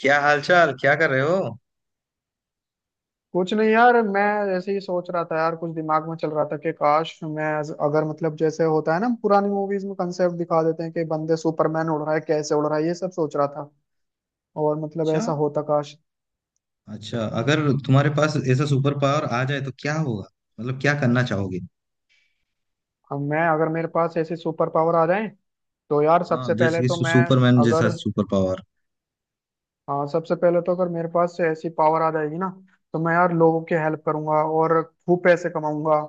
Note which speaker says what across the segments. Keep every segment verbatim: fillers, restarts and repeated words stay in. Speaker 1: क्या हालचाल? क्या कर रहे हो?
Speaker 2: कुछ नहीं यार, मैं ऐसे ही सोच रहा था यार, कुछ दिमाग में चल रहा था कि काश मैं अज- अगर, मतलब जैसे होता है ना, पुरानी मूवीज में कंसेप्ट दिखा देते हैं कि बंदे सुपरमैन उड़ रहा है, कैसे उड़ रहा है, ये सब सोच रहा था। और मतलब
Speaker 1: अच्छा।
Speaker 2: ऐसा होता काश।
Speaker 1: अच्छा, अगर तुम्हारे पास ऐसा सुपर पावर आ जाए तो क्या होगा? मतलब क्या करना चाहोगे?
Speaker 2: हम मैं, अगर मेरे पास ऐसी सुपर पावर आ जाए तो यार
Speaker 1: हाँ,
Speaker 2: सबसे पहले
Speaker 1: जैसे कि
Speaker 2: तो
Speaker 1: सु,
Speaker 2: मैं
Speaker 1: सुपरमैन जैसा
Speaker 2: अगर,
Speaker 1: सुपर पावर।
Speaker 2: हाँ, सबसे पहले तो अगर मेरे पास से ऐसी पावर आ जाएगी ना, तो मैं यार लोगों की हेल्प करूंगा और खूब पैसे कमाऊंगा,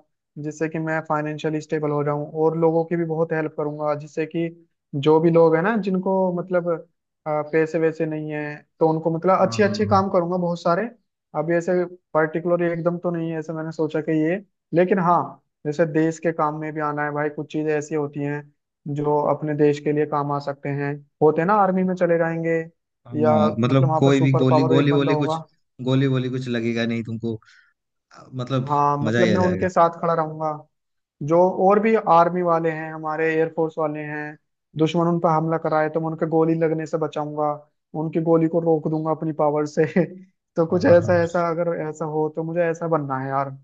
Speaker 2: जिससे कि मैं फाइनेंशियली स्टेबल हो जाऊं और लोगों की भी बहुत हेल्प करूंगा, जिससे कि जो भी लोग हैं ना जिनको मतलब अ, पैसे वैसे नहीं है, तो उनको मतलब
Speaker 1: हाँ
Speaker 2: अच्छे
Speaker 1: हाँ
Speaker 2: अच्छे
Speaker 1: हाँ।
Speaker 2: काम करूंगा बहुत सारे। अभी ऐसे पर्टिकुलर एकदम तो नहीं है, ऐसे मैंने सोचा कि ये, लेकिन हाँ, जैसे देश के काम में भी आना है भाई। कुछ चीजें ऐसी होती हैं जो अपने देश के लिए काम आ सकते हैं, होते ना, आर्मी में चले जाएंगे। या
Speaker 1: हाँ
Speaker 2: मतलब
Speaker 1: मतलब
Speaker 2: वहां पर
Speaker 1: कोई भी
Speaker 2: सुपर
Speaker 1: गोली
Speaker 2: पावर एक
Speaker 1: गोली
Speaker 2: बंदा
Speaker 1: वोली कुछ
Speaker 2: होगा।
Speaker 1: गोली वोली कुछ लगेगा नहीं तुमको? आ, मतलब
Speaker 2: हाँ,
Speaker 1: मजा
Speaker 2: मतलब
Speaker 1: ही आ
Speaker 2: मैं उनके
Speaker 1: जाएगा।
Speaker 2: साथ खड़ा रहूंगा। जो और भी आर्मी वाले हैं, हमारे एयरफोर्स वाले हैं, दुश्मन उन पर हमला कराए तो मैं उनके गोली लगने से बचाऊंगा। उनकी गोली को रोक दूंगा अपनी पावर से। तो
Speaker 1: हाँ
Speaker 2: कुछ
Speaker 1: हाँ हाँ।
Speaker 2: ऐसा ऐसा, अगर ऐसा हो तो मुझे ऐसा बनना है यार,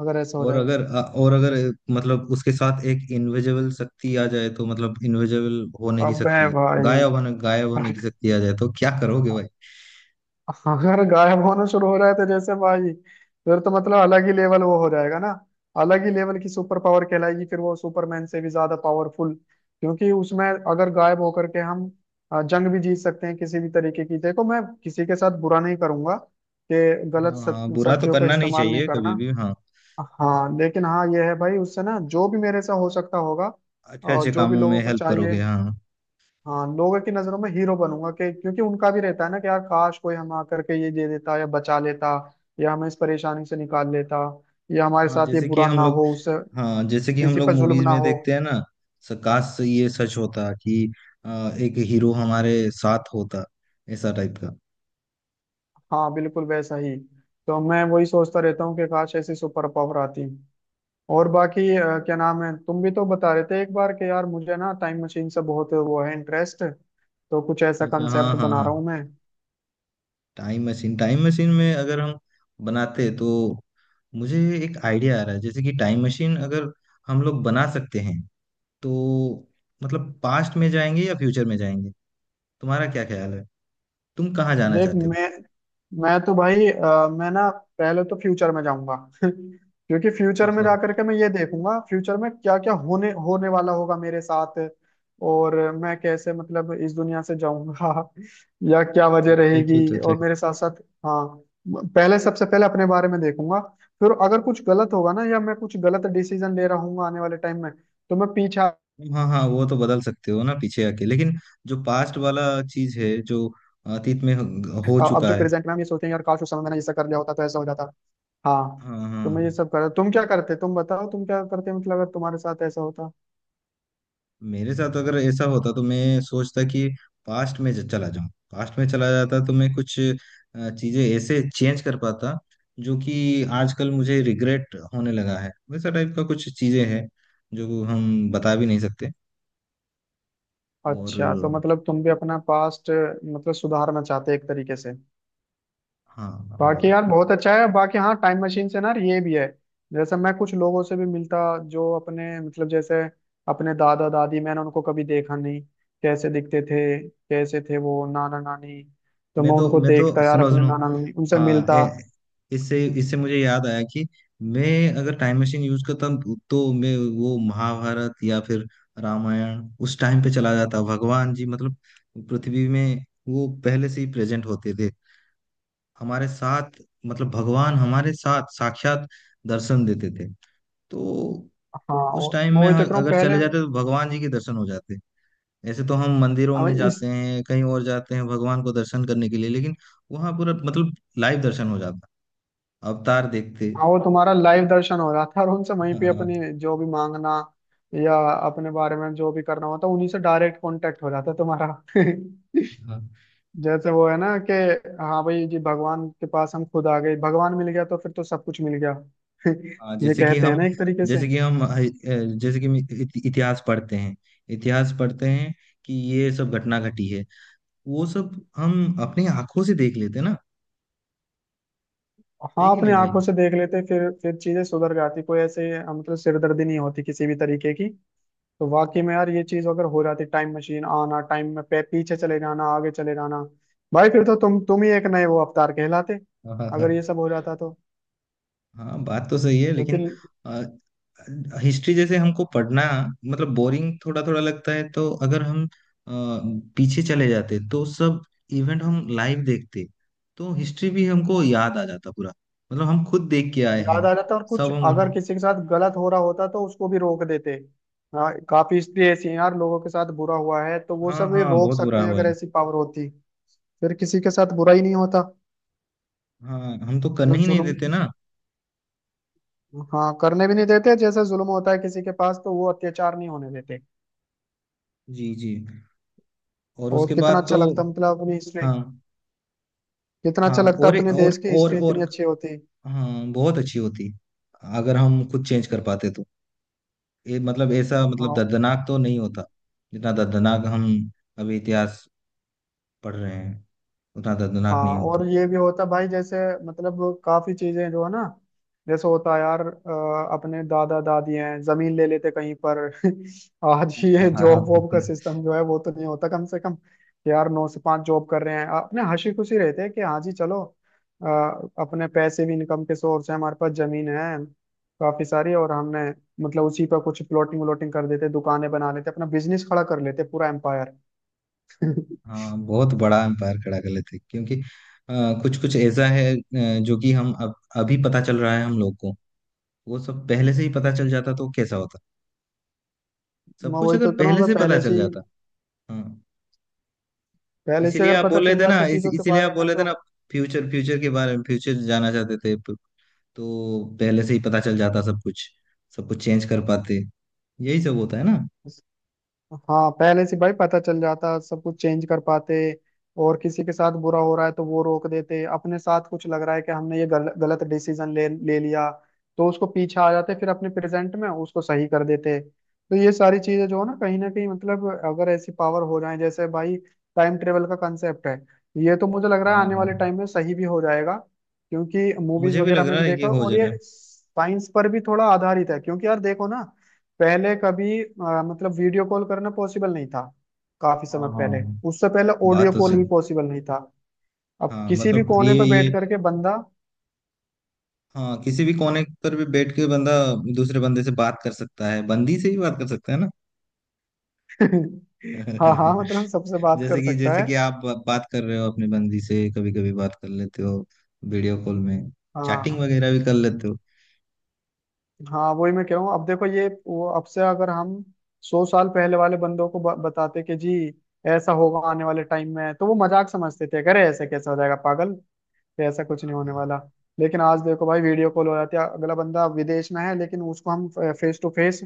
Speaker 2: अगर ऐसा हो
Speaker 1: और
Speaker 2: जाए।
Speaker 1: अगर आ, और अगर अ, मतलब उसके साथ एक इनविजिबल शक्ति आ जाए तो मतलब इनविजिबल होने की
Speaker 2: अबे
Speaker 1: शक्ति,
Speaker 2: भाई।
Speaker 1: गायब होने गायब होने की शक्ति आ जाए तो क्या करोगे भाई?
Speaker 2: अगर गायब होना शुरू हो रहा है तो जैसे भाई, फिर तो मतलब अलग ही लेवल वो हो जाएगा ना। अलग ही लेवल की सुपर पावर कहलाएगी फिर वो, सुपरमैन से भी ज्यादा पावरफुल। क्योंकि उसमें अगर गायब होकर के हम अ, जंग भी जीत सकते हैं किसी भी तरीके की। देखो, मैं किसी के साथ बुरा नहीं करूंगा, कि गलत
Speaker 1: हाँ हाँ,
Speaker 2: शक-
Speaker 1: बुरा तो
Speaker 2: शक्तियों का
Speaker 1: करना नहीं
Speaker 2: इस्तेमाल नहीं
Speaker 1: चाहिए
Speaker 2: करना।
Speaker 1: कभी भी। हाँ,
Speaker 2: हाँ, लेकिन हाँ ये है भाई, उससे ना जो भी मेरे से हो सकता होगा,
Speaker 1: अच्छे
Speaker 2: और
Speaker 1: अच्छे
Speaker 2: जो भी
Speaker 1: कामों
Speaker 2: लोगों
Speaker 1: में
Speaker 2: को
Speaker 1: हेल्प
Speaker 2: चाहिए।
Speaker 1: करोगे। हाँ।
Speaker 2: हाँ, लोगों की नजरों में हीरो बनूंगा, कि क्योंकि उनका भी रहता है ना कि यार काश कोई हम आकर के ये दे देता या बचा लेता, या हमें इस परेशानी से निकाल लेता, या हमारे
Speaker 1: हाँ
Speaker 2: साथ ये
Speaker 1: जैसे कि
Speaker 2: बुरा
Speaker 1: हम
Speaker 2: ना
Speaker 1: लोग
Speaker 2: हो उससे,
Speaker 1: हाँ जैसे कि हम
Speaker 2: किसी
Speaker 1: लोग
Speaker 2: पर जुल्म
Speaker 1: मूवीज
Speaker 2: ना
Speaker 1: में
Speaker 2: हो।
Speaker 1: देखते हैं ना। स- काश ये सच होता कि आ, एक हीरो हमारे साथ होता, ऐसा टाइप का।
Speaker 2: हाँ, बिल्कुल वैसा ही। तो मैं वही सोचता रहता हूँ कि काश ऐसी सुपर पावर आती। और बाकी अ, क्या नाम है, तुम भी तो बता रहे थे एक बार कि यार मुझे ना टाइम मशीन से बहुत वो है इंटरेस्ट। तो कुछ ऐसा
Speaker 1: अच्छा। हाँ
Speaker 2: कंसेप्ट
Speaker 1: हाँ
Speaker 2: बना रहा
Speaker 1: हाँ।
Speaker 2: हूँ मैं।
Speaker 1: टाइम मशीन, टाइम मशीन में अगर हम बनाते तो मुझे एक आइडिया आ रहा है। जैसे कि टाइम मशीन अगर हम लोग बना सकते हैं तो मतलब पास्ट में जाएंगे या फ्यूचर में जाएंगे? तुम्हारा क्या ख्याल है? तुम कहाँ जाना
Speaker 2: देख
Speaker 1: चाहते हो?
Speaker 2: मैं मैं तो भाई अ, मैं ना पहले तो फ्यूचर में जाऊंगा। क्योंकि फ्यूचर में जा
Speaker 1: हाँ,
Speaker 2: करके मैं ये देखूंगा, फ्यूचर में क्या क्या होने होने वाला होगा मेरे साथ, और मैं कैसे मतलब इस दुनिया से जाऊंगा। या क्या वजह
Speaker 1: अच्छा अच्छा
Speaker 2: रहेगी,
Speaker 1: अच्छा
Speaker 2: और मेरे
Speaker 1: अच्छा।
Speaker 2: साथ साथ, हाँ, पहले सबसे पहले अपने बारे में देखूंगा। फिर अगर कुछ गलत होगा ना, या मैं कुछ गलत डिसीजन ले रहा हूँ आने वाले टाइम में, तो मैं पीछे,
Speaker 1: हाँ हाँ, वो तो बदल सकते हो ना पीछे आके, लेकिन जो पास्ट वाला चीज है, जो अतीत में हो हो
Speaker 2: अब
Speaker 1: चुका
Speaker 2: जो
Speaker 1: है।
Speaker 2: प्रेजेंट में हम ये सोचेंगे यार काश उस समय मैंने ऐसा कर लिया होता तो ऐसा हो जाता। हाँ,
Speaker 1: हाँ हाँ,
Speaker 2: तो मैं ये सब कर, तुम क्या करते, तुम बताओ तुम क्या करते, मतलब अगर तुम्हारे साथ ऐसा होता।
Speaker 1: मेरे साथ अगर ऐसा होता तो मैं सोचता कि पास्ट में ज- चला जाऊं। पास्ट में चला जाता तो मैं कुछ अ, चीजें ऐसे चेंज कर पाता जो कि आजकल मुझे रिग्रेट होने लगा है। वैसा टाइप का कुछ चीजें हैं जो हम बता भी नहीं सकते। और
Speaker 2: अच्छा, तो मतलब तुम भी अपना पास्ट मतलब सुधारना चाहते एक तरीके से।
Speaker 1: हाँ।
Speaker 2: बाकी
Speaker 1: और
Speaker 2: यार बहुत अच्छा है, बाकी हाँ, टाइम मशीन से ना ये भी है, जैसे मैं कुछ लोगों से भी मिलता, जो अपने मतलब जैसे अपने दादा दादी, मैंने उनको कभी देखा नहीं, कैसे दिखते थे, कैसे थे वो, नाना नानी, तो
Speaker 1: मैं
Speaker 2: मैं
Speaker 1: तो
Speaker 2: उनको
Speaker 1: मैं तो
Speaker 2: देखता यार
Speaker 1: सुनो
Speaker 2: अपने
Speaker 1: सुनो।
Speaker 2: नाना नानी, उनसे
Speaker 1: हाँ
Speaker 2: मिलता।
Speaker 1: ए, इससे इससे मुझे याद आया कि मैं अगर टाइम मशीन यूज करता तो मैं वो महाभारत या फिर रामायण उस टाइम पे चला जाता। भगवान जी मतलब पृथ्वी में वो पहले से ही प्रेजेंट होते थे हमारे साथ। मतलब भगवान हमारे साथ साक्षात दर्शन देते थे। तो
Speaker 2: हाँ,
Speaker 1: उस
Speaker 2: और
Speaker 1: टाइम
Speaker 2: मैं
Speaker 1: में
Speaker 2: वही तो कह रहा हूँ
Speaker 1: अगर
Speaker 2: पहले।
Speaker 1: चले जाते तो भगवान जी के दर्शन हो जाते। ऐसे तो हम मंदिरों
Speaker 2: अब
Speaker 1: में
Speaker 2: इस,
Speaker 1: जाते हैं, कहीं और जाते हैं भगवान को दर्शन करने के लिए, लेकिन वहां पूरा मतलब लाइव दर्शन हो जाता, अवतार देखते।
Speaker 2: हाँ, वो तुम्हारा लाइव दर्शन हो रहा था और उनसे वहीं
Speaker 1: हाँ
Speaker 2: पे
Speaker 1: हाँ
Speaker 2: अपनी जो भी मांगना, या अपने बारे में जो भी करना होता, उन्हीं से डायरेक्ट कांटेक्ट हो जाता तुम्हारा।
Speaker 1: हाँ।
Speaker 2: जैसे वो है ना कि हाँ भाई जी, भगवान के पास हम खुद आ गए, भगवान मिल गया तो फिर तो सब कुछ मिल गया।
Speaker 1: हाँ,
Speaker 2: ये
Speaker 1: जैसे कि
Speaker 2: कहते हैं
Speaker 1: हम
Speaker 2: ना एक तरीके से।
Speaker 1: जैसे कि हम अ, जैसे कि हम इति- इतिहास पढ़ते हैं। इतिहास पढ़ते हैं कि ये सब घटना घटी है, वो सब हम अपनी आंखों से देख लेते हैं ना। है
Speaker 2: हाँ,
Speaker 1: कि
Speaker 2: अपनी
Speaker 1: नहीं
Speaker 2: आंखों से देख लेते, फिर फिर चीजें सुधर जाती, कोई ऐसे मतलब सिरदर्दी नहीं होती किसी भी तरीके की। तो वाकई में यार ये चीज अगर हो जाती टाइम मशीन, आना टाइम में पे, पीछे चले जाना, आगे चले जाना, भाई फिर तो तुम तुम ही एक नए वो अवतार कहलाते,
Speaker 1: भाई?
Speaker 2: अगर ये सब हो जाता तो,
Speaker 1: हाँ, बात तो सही है,
Speaker 2: क्योंकि
Speaker 1: लेकिन हिस्ट्री जैसे हमको पढ़ना मतलब बोरिंग थोड़ा थोड़ा लगता है। तो अगर हम अ, पीछे चले जाते तो सब इवेंट हम लाइव देखते, तो हिस्ट्री भी हमको याद आ जाता पूरा। मतलब हम खुद देख के आए
Speaker 2: याद
Speaker 1: हैं।
Speaker 2: आ जाता, और कुछ
Speaker 1: सब हम।
Speaker 2: अगर किसी के साथ गलत हो रहा होता तो उसको भी रोक देते। हाँ, काफी इसलिए ऐसी यार लोगों के साथ बुरा हुआ है, तो वो
Speaker 1: हाँ
Speaker 2: सब ये
Speaker 1: हाँ,
Speaker 2: रोक
Speaker 1: बहुत बुरा
Speaker 2: सकते हैं
Speaker 1: हुआ
Speaker 2: अगर
Speaker 1: है।
Speaker 2: ऐसी पावर होती। फिर किसी के साथ बुरा ही नहीं होता।
Speaker 1: हाँ, हम तो करने
Speaker 2: जो
Speaker 1: ही नहीं देते
Speaker 2: जुल्म,
Speaker 1: ना।
Speaker 2: हाँ करने भी नहीं देते, जैसा जुल्म होता है किसी के पास तो वो अत्याचार नहीं होने देते।
Speaker 1: जी जी। और
Speaker 2: और
Speaker 1: उसके
Speaker 2: कितना
Speaker 1: बाद
Speaker 2: अच्छा
Speaker 1: तो।
Speaker 2: लगता मतलब अपनी हिस्ट्री,
Speaker 1: हाँ
Speaker 2: कितना
Speaker 1: हाँ।
Speaker 2: अच्छा लगता
Speaker 1: और
Speaker 2: अपने
Speaker 1: और
Speaker 2: देश की
Speaker 1: और
Speaker 2: हिस्ट्री इतनी
Speaker 1: और,
Speaker 2: अच्छी होती।
Speaker 1: हाँ, बहुत अच्छी होती, अगर हम खुद चेंज कर पाते तो। ये मतलब ऐसा मतलब
Speaker 2: हाँ
Speaker 1: दर्दनाक तो नहीं होता जितना दर्दनाक हम अभी इतिहास पढ़ रहे हैं। उतना दर्दनाक
Speaker 2: हाँ,
Speaker 1: नहीं होता।
Speaker 2: और ये भी होता भाई जैसे मतलब काफी चीजें जो है ना, जैसे होता है यार अ, अपने दादा दादी हैं, जमीन ले लेते कहीं पर। आज
Speaker 1: हाँ
Speaker 2: ये
Speaker 1: हाँ
Speaker 2: जॉब
Speaker 1: हाँ।
Speaker 2: वॉब का सिस्टम जो है वो तो नहीं होता कम से कम, कि यार नौ से पाँच जॉब कर रहे हैं, अपने हंसी खुशी रहते हैं कि हाँ जी चलो, अ, अपने पैसे भी, इनकम के सोर्स हैं हमारे पास, जमीन है काफी सारी, और हमने मतलब उसी पर कुछ प्लॉटिंग व्लॉटिंग कर देते, दुकानें बना लेते, अपना बिजनेस खड़ा कर लेते पूरा एम्पायर। मैं
Speaker 1: हाँ, बहुत बड़ा एम्पायर खड़ा कर लेते, क्योंकि कुछ कुछ ऐसा है अ, जो कि हम अब अभी पता चल रहा है हम लोग को। वो सब पहले से ही पता चल जाता तो कैसा होता? सब कुछ
Speaker 2: वही
Speaker 1: अगर
Speaker 2: तो कह रहा
Speaker 1: पहले
Speaker 2: हूँ, अगर
Speaker 1: से पता
Speaker 2: पहले
Speaker 1: चल
Speaker 2: से ही,
Speaker 1: जाता। हाँ,
Speaker 2: पहले से
Speaker 1: इसीलिए
Speaker 2: अगर
Speaker 1: आप
Speaker 2: पता
Speaker 1: बोल रहे
Speaker 2: चल
Speaker 1: थे ना
Speaker 2: जाता
Speaker 1: इस,
Speaker 2: चीजों के
Speaker 1: इसीलिए आप
Speaker 2: बारे
Speaker 1: बोल
Speaker 2: में
Speaker 1: रहे थे
Speaker 2: तो।
Speaker 1: ना, फ्यूचर फ्यूचर के बारे में, फ्यूचर जाना चाहते थे। प- तो पहले से ही पता चल जाता सब कुछ, सब कुछ चेंज कर पाते। यही सब होता है ना।
Speaker 2: हाँ, पहले से भाई पता चल जाता, सब कुछ चेंज कर पाते, और किसी के साथ बुरा हो रहा है तो वो रोक देते, अपने साथ कुछ लग रहा है कि हमने ये गल, गलत डिसीजन ले ले लिया, तो उसको पीछे आ जाते, फिर अपने प्रेजेंट में उसको सही कर देते। तो ये सारी चीजें जो है ना कहीं ना कहीं मतलब अगर ऐसी पावर हो जाए जैसे भाई, टाइम ट्रेवल का कंसेप्ट है, ये तो मुझे लग रहा है
Speaker 1: हाँ
Speaker 2: आने
Speaker 1: हाँ।
Speaker 2: वाले टाइम में सही भी हो जाएगा। क्योंकि मूवीज
Speaker 1: मुझे भी
Speaker 2: वगैरह
Speaker 1: लग
Speaker 2: में
Speaker 1: रहा
Speaker 2: भी
Speaker 1: है कि
Speaker 2: देखा,
Speaker 1: हो
Speaker 2: और
Speaker 1: जा
Speaker 2: ये
Speaker 1: रहा है।
Speaker 2: साइंस पर भी थोड़ा आधारित है, क्योंकि यार देखो ना, पहले कभी अ, मतलब वीडियो कॉल करना पॉसिबल नहीं था, काफी समय
Speaker 1: हाँ हाँ,
Speaker 2: पहले। उससे पहले
Speaker 1: बात
Speaker 2: ऑडियो
Speaker 1: तो
Speaker 2: कॉल भी
Speaker 1: सही।
Speaker 2: पॉसिबल नहीं था। अब
Speaker 1: हाँ
Speaker 2: किसी भी
Speaker 1: मतलब
Speaker 2: कोने
Speaker 1: ये
Speaker 2: पर
Speaker 1: ये।
Speaker 2: बैठ करके बंदा,
Speaker 1: हाँ, किसी भी कोने पर भी बैठ के बंदा दूसरे बंदे से बात कर सकता है। बंदी से भी बात कर सकता है ना।
Speaker 2: हाँ हाँ, मतलब सबसे बात
Speaker 1: जैसे
Speaker 2: कर
Speaker 1: कि
Speaker 2: सकता
Speaker 1: जैसे
Speaker 2: है।
Speaker 1: कि आप बा- बात कर रहे हो अपने बंदी से। कभी कभी बात कर लेते हो वीडियो कॉल में। चैटिंग
Speaker 2: हाँ,
Speaker 1: वगैरह भी कर लेते
Speaker 2: हाँ वही मैं कह रहा हूँ, अब देखो ये वो, अब से अगर हम सौ साल पहले वाले बंदों को ब- बताते कि जी ऐसा होगा आने वाले टाइम में, तो वो मजाक समझते थे, अरे ऐसे कैसे हो जाएगा पागल, कि ऐसा कुछ नहीं
Speaker 1: हो।
Speaker 2: होने वाला। लेकिन आज देखो भाई वीडियो कॉल हो जाती है, अगला बंदा विदेश में है लेकिन उसको हम फेस टू फेस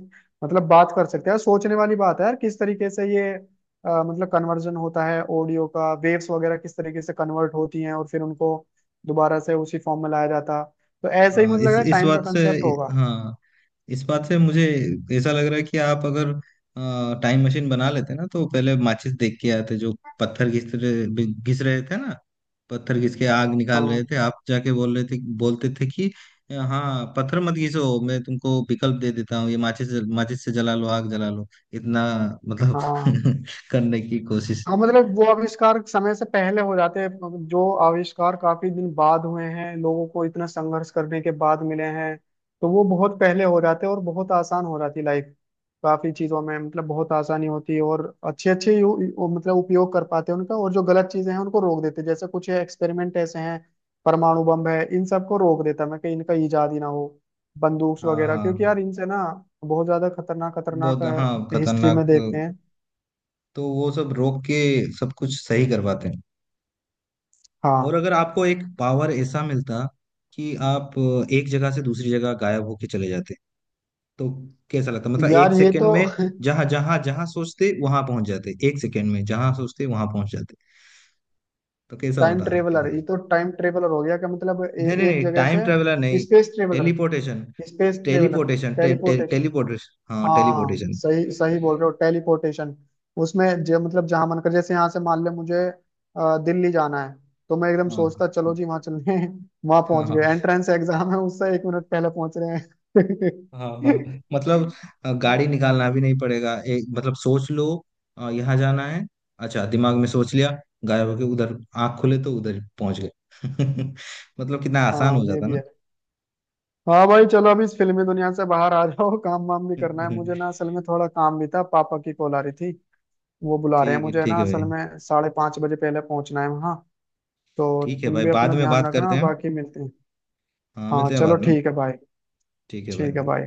Speaker 2: मतलब बात कर सकते हैं। सोचने वाली बात है यार, किस तरीके से ये अ, मतलब कन्वर्जन होता है, ऑडियो का वेव्स वगैरह किस तरीके से कन्वर्ट होती हैं और फिर उनको दोबारा से उसी फॉर्म में लाया जाता। तो ऐसे ही
Speaker 1: हाँ
Speaker 2: मुझे लग
Speaker 1: इस
Speaker 2: रहा है
Speaker 1: इस
Speaker 2: टाइम का
Speaker 1: बात से,
Speaker 2: कंसेप्ट होगा।
Speaker 1: हाँ इस बात से मुझे ऐसा लग रहा है कि आप अगर टाइम मशीन बना लेते ना, तो पहले माचिस देख के आते। जो पत्थर घिस रहे घिस रहे थे ना, पत्थर घिस के आग निकाल रहे
Speaker 2: हाँ
Speaker 1: थे, आप जाके बोल रहे थे, बोलते थे कि हाँ पत्थर मत घिसो, मैं तुमको विकल्प दे देता हूँ ये माचिस। माचिस से जला लो, आग जला लो। इतना मतलब
Speaker 2: हाँ
Speaker 1: करने की कोशिश।
Speaker 2: हाँ, मतलब वो आविष्कार समय से पहले हो जाते हैं जो आविष्कार काफी दिन बाद हुए हैं, लोगों को इतना संघर्ष करने के बाद मिले हैं। तो वो बहुत पहले हो जाते हैं और बहुत आसान हो जाती लाइफ, काफी चीजों में मतलब बहुत आसानी होती है, और अच्छे अच्छे यू, यू- मतलब उपयोग कर पाते हैं उनका। और जो गलत चीजें हैं उनको रोक देते हैं, जैसे कुछ एक्सपेरिमेंट ऐसे हैं, परमाणु बम है, इन सबको रोक देता मैं कि इनका इजाद ही ना हो, बंदूक
Speaker 1: हाँ
Speaker 2: वगैरह, क्योंकि
Speaker 1: हाँ,
Speaker 2: यार इनसे ना बहुत ज्यादा खतरनाक खतरनाक
Speaker 1: बहुत हाँ
Speaker 2: हिस्ट्री में देखते
Speaker 1: खतरनाक।
Speaker 2: हैं।
Speaker 1: तो वो सब रोक के सब कुछ सही करवाते हैं। और
Speaker 2: हाँ
Speaker 1: अगर आपको एक पावर ऐसा मिलता कि आप एक जगह से दूसरी जगह गायब होके चले जाते, तो कैसा लगता? मतलब एक
Speaker 2: यार ये
Speaker 1: सेकंड
Speaker 2: तो,
Speaker 1: में जहां जहां जहां सोचते वहां पहुंच जाते। एक सेकंड में जहां सोचते वहां पहुंच जाते, तो कैसा
Speaker 2: टाइम
Speaker 1: होता आपके
Speaker 2: ट्रेवलर, ये
Speaker 1: साथ?
Speaker 2: तो टाइम ट्रेवलर हो गया क्या मतलब ए,
Speaker 1: नहीं नहीं
Speaker 2: एक
Speaker 1: नहीं,
Speaker 2: जगह
Speaker 1: टाइम ट्रेवलर
Speaker 2: से
Speaker 1: नहीं।
Speaker 2: Space traveller,
Speaker 1: teleportation.
Speaker 2: Space traveller,
Speaker 1: teleportation. टे, टे,
Speaker 2: टेलीपोर्टेशन,
Speaker 1: टेलीपोर्टेशन। हाँ
Speaker 2: हाँ
Speaker 1: टेलीपोर्टेशन।
Speaker 2: सही सही बोल रहे हो टेलीपोर्टेशन। उसमें जो मतलब जहां मन कर, जैसे यहाँ से मान ले मुझे अ, दिल्ली जाना है, तो मैं एकदम
Speaker 1: हाँ
Speaker 2: सोचता चलो जी वहां चलने, वहां
Speaker 1: हाँ
Speaker 2: पहुंच
Speaker 1: हाँ।
Speaker 2: गए, एंट्रेंस एग्जाम है उससे एक मिनट पहले पहुंच रहे
Speaker 1: हाँ हाँ
Speaker 2: हैं।
Speaker 1: मतलब अ, गाड़ी निकालना भी नहीं पड़ेगा। एक मतलब सोच लो अ, यहाँ जाना है। अच्छा, दिमाग में सोच लिया, गायब होके उधर, आंख खुले तो उधर पहुंच गए। मतलब कितना आसान
Speaker 2: हाँ
Speaker 1: हो
Speaker 2: ये
Speaker 1: जाता
Speaker 2: भी
Speaker 1: ना।
Speaker 2: है। हाँ भाई चलो, अभी इस फिल्मी दुनिया से बाहर आ जाओ। काम वाम भी करना है मुझे ना असल में, थोड़ा काम भी था, पापा की कॉल आ रही थी, वो बुला रहे हैं
Speaker 1: ठीक है,
Speaker 2: मुझे
Speaker 1: ठीक
Speaker 2: ना
Speaker 1: है भाई।
Speaker 2: असल में, साढ़े पाँच बजे पहले पहुंचना है वहाँ। तो
Speaker 1: ठीक है
Speaker 2: तुम
Speaker 1: भाई,
Speaker 2: भी अपना
Speaker 1: बाद में
Speaker 2: ध्यान
Speaker 1: बात करते
Speaker 2: रखना,
Speaker 1: हैं।
Speaker 2: बाकी मिलते हैं।
Speaker 1: हाँ,
Speaker 2: हाँ
Speaker 1: मिलते हैं
Speaker 2: चलो
Speaker 1: बाद में।
Speaker 2: ठीक है भाई।
Speaker 1: ठीक है
Speaker 2: ठीक है
Speaker 1: भाई।
Speaker 2: भाई।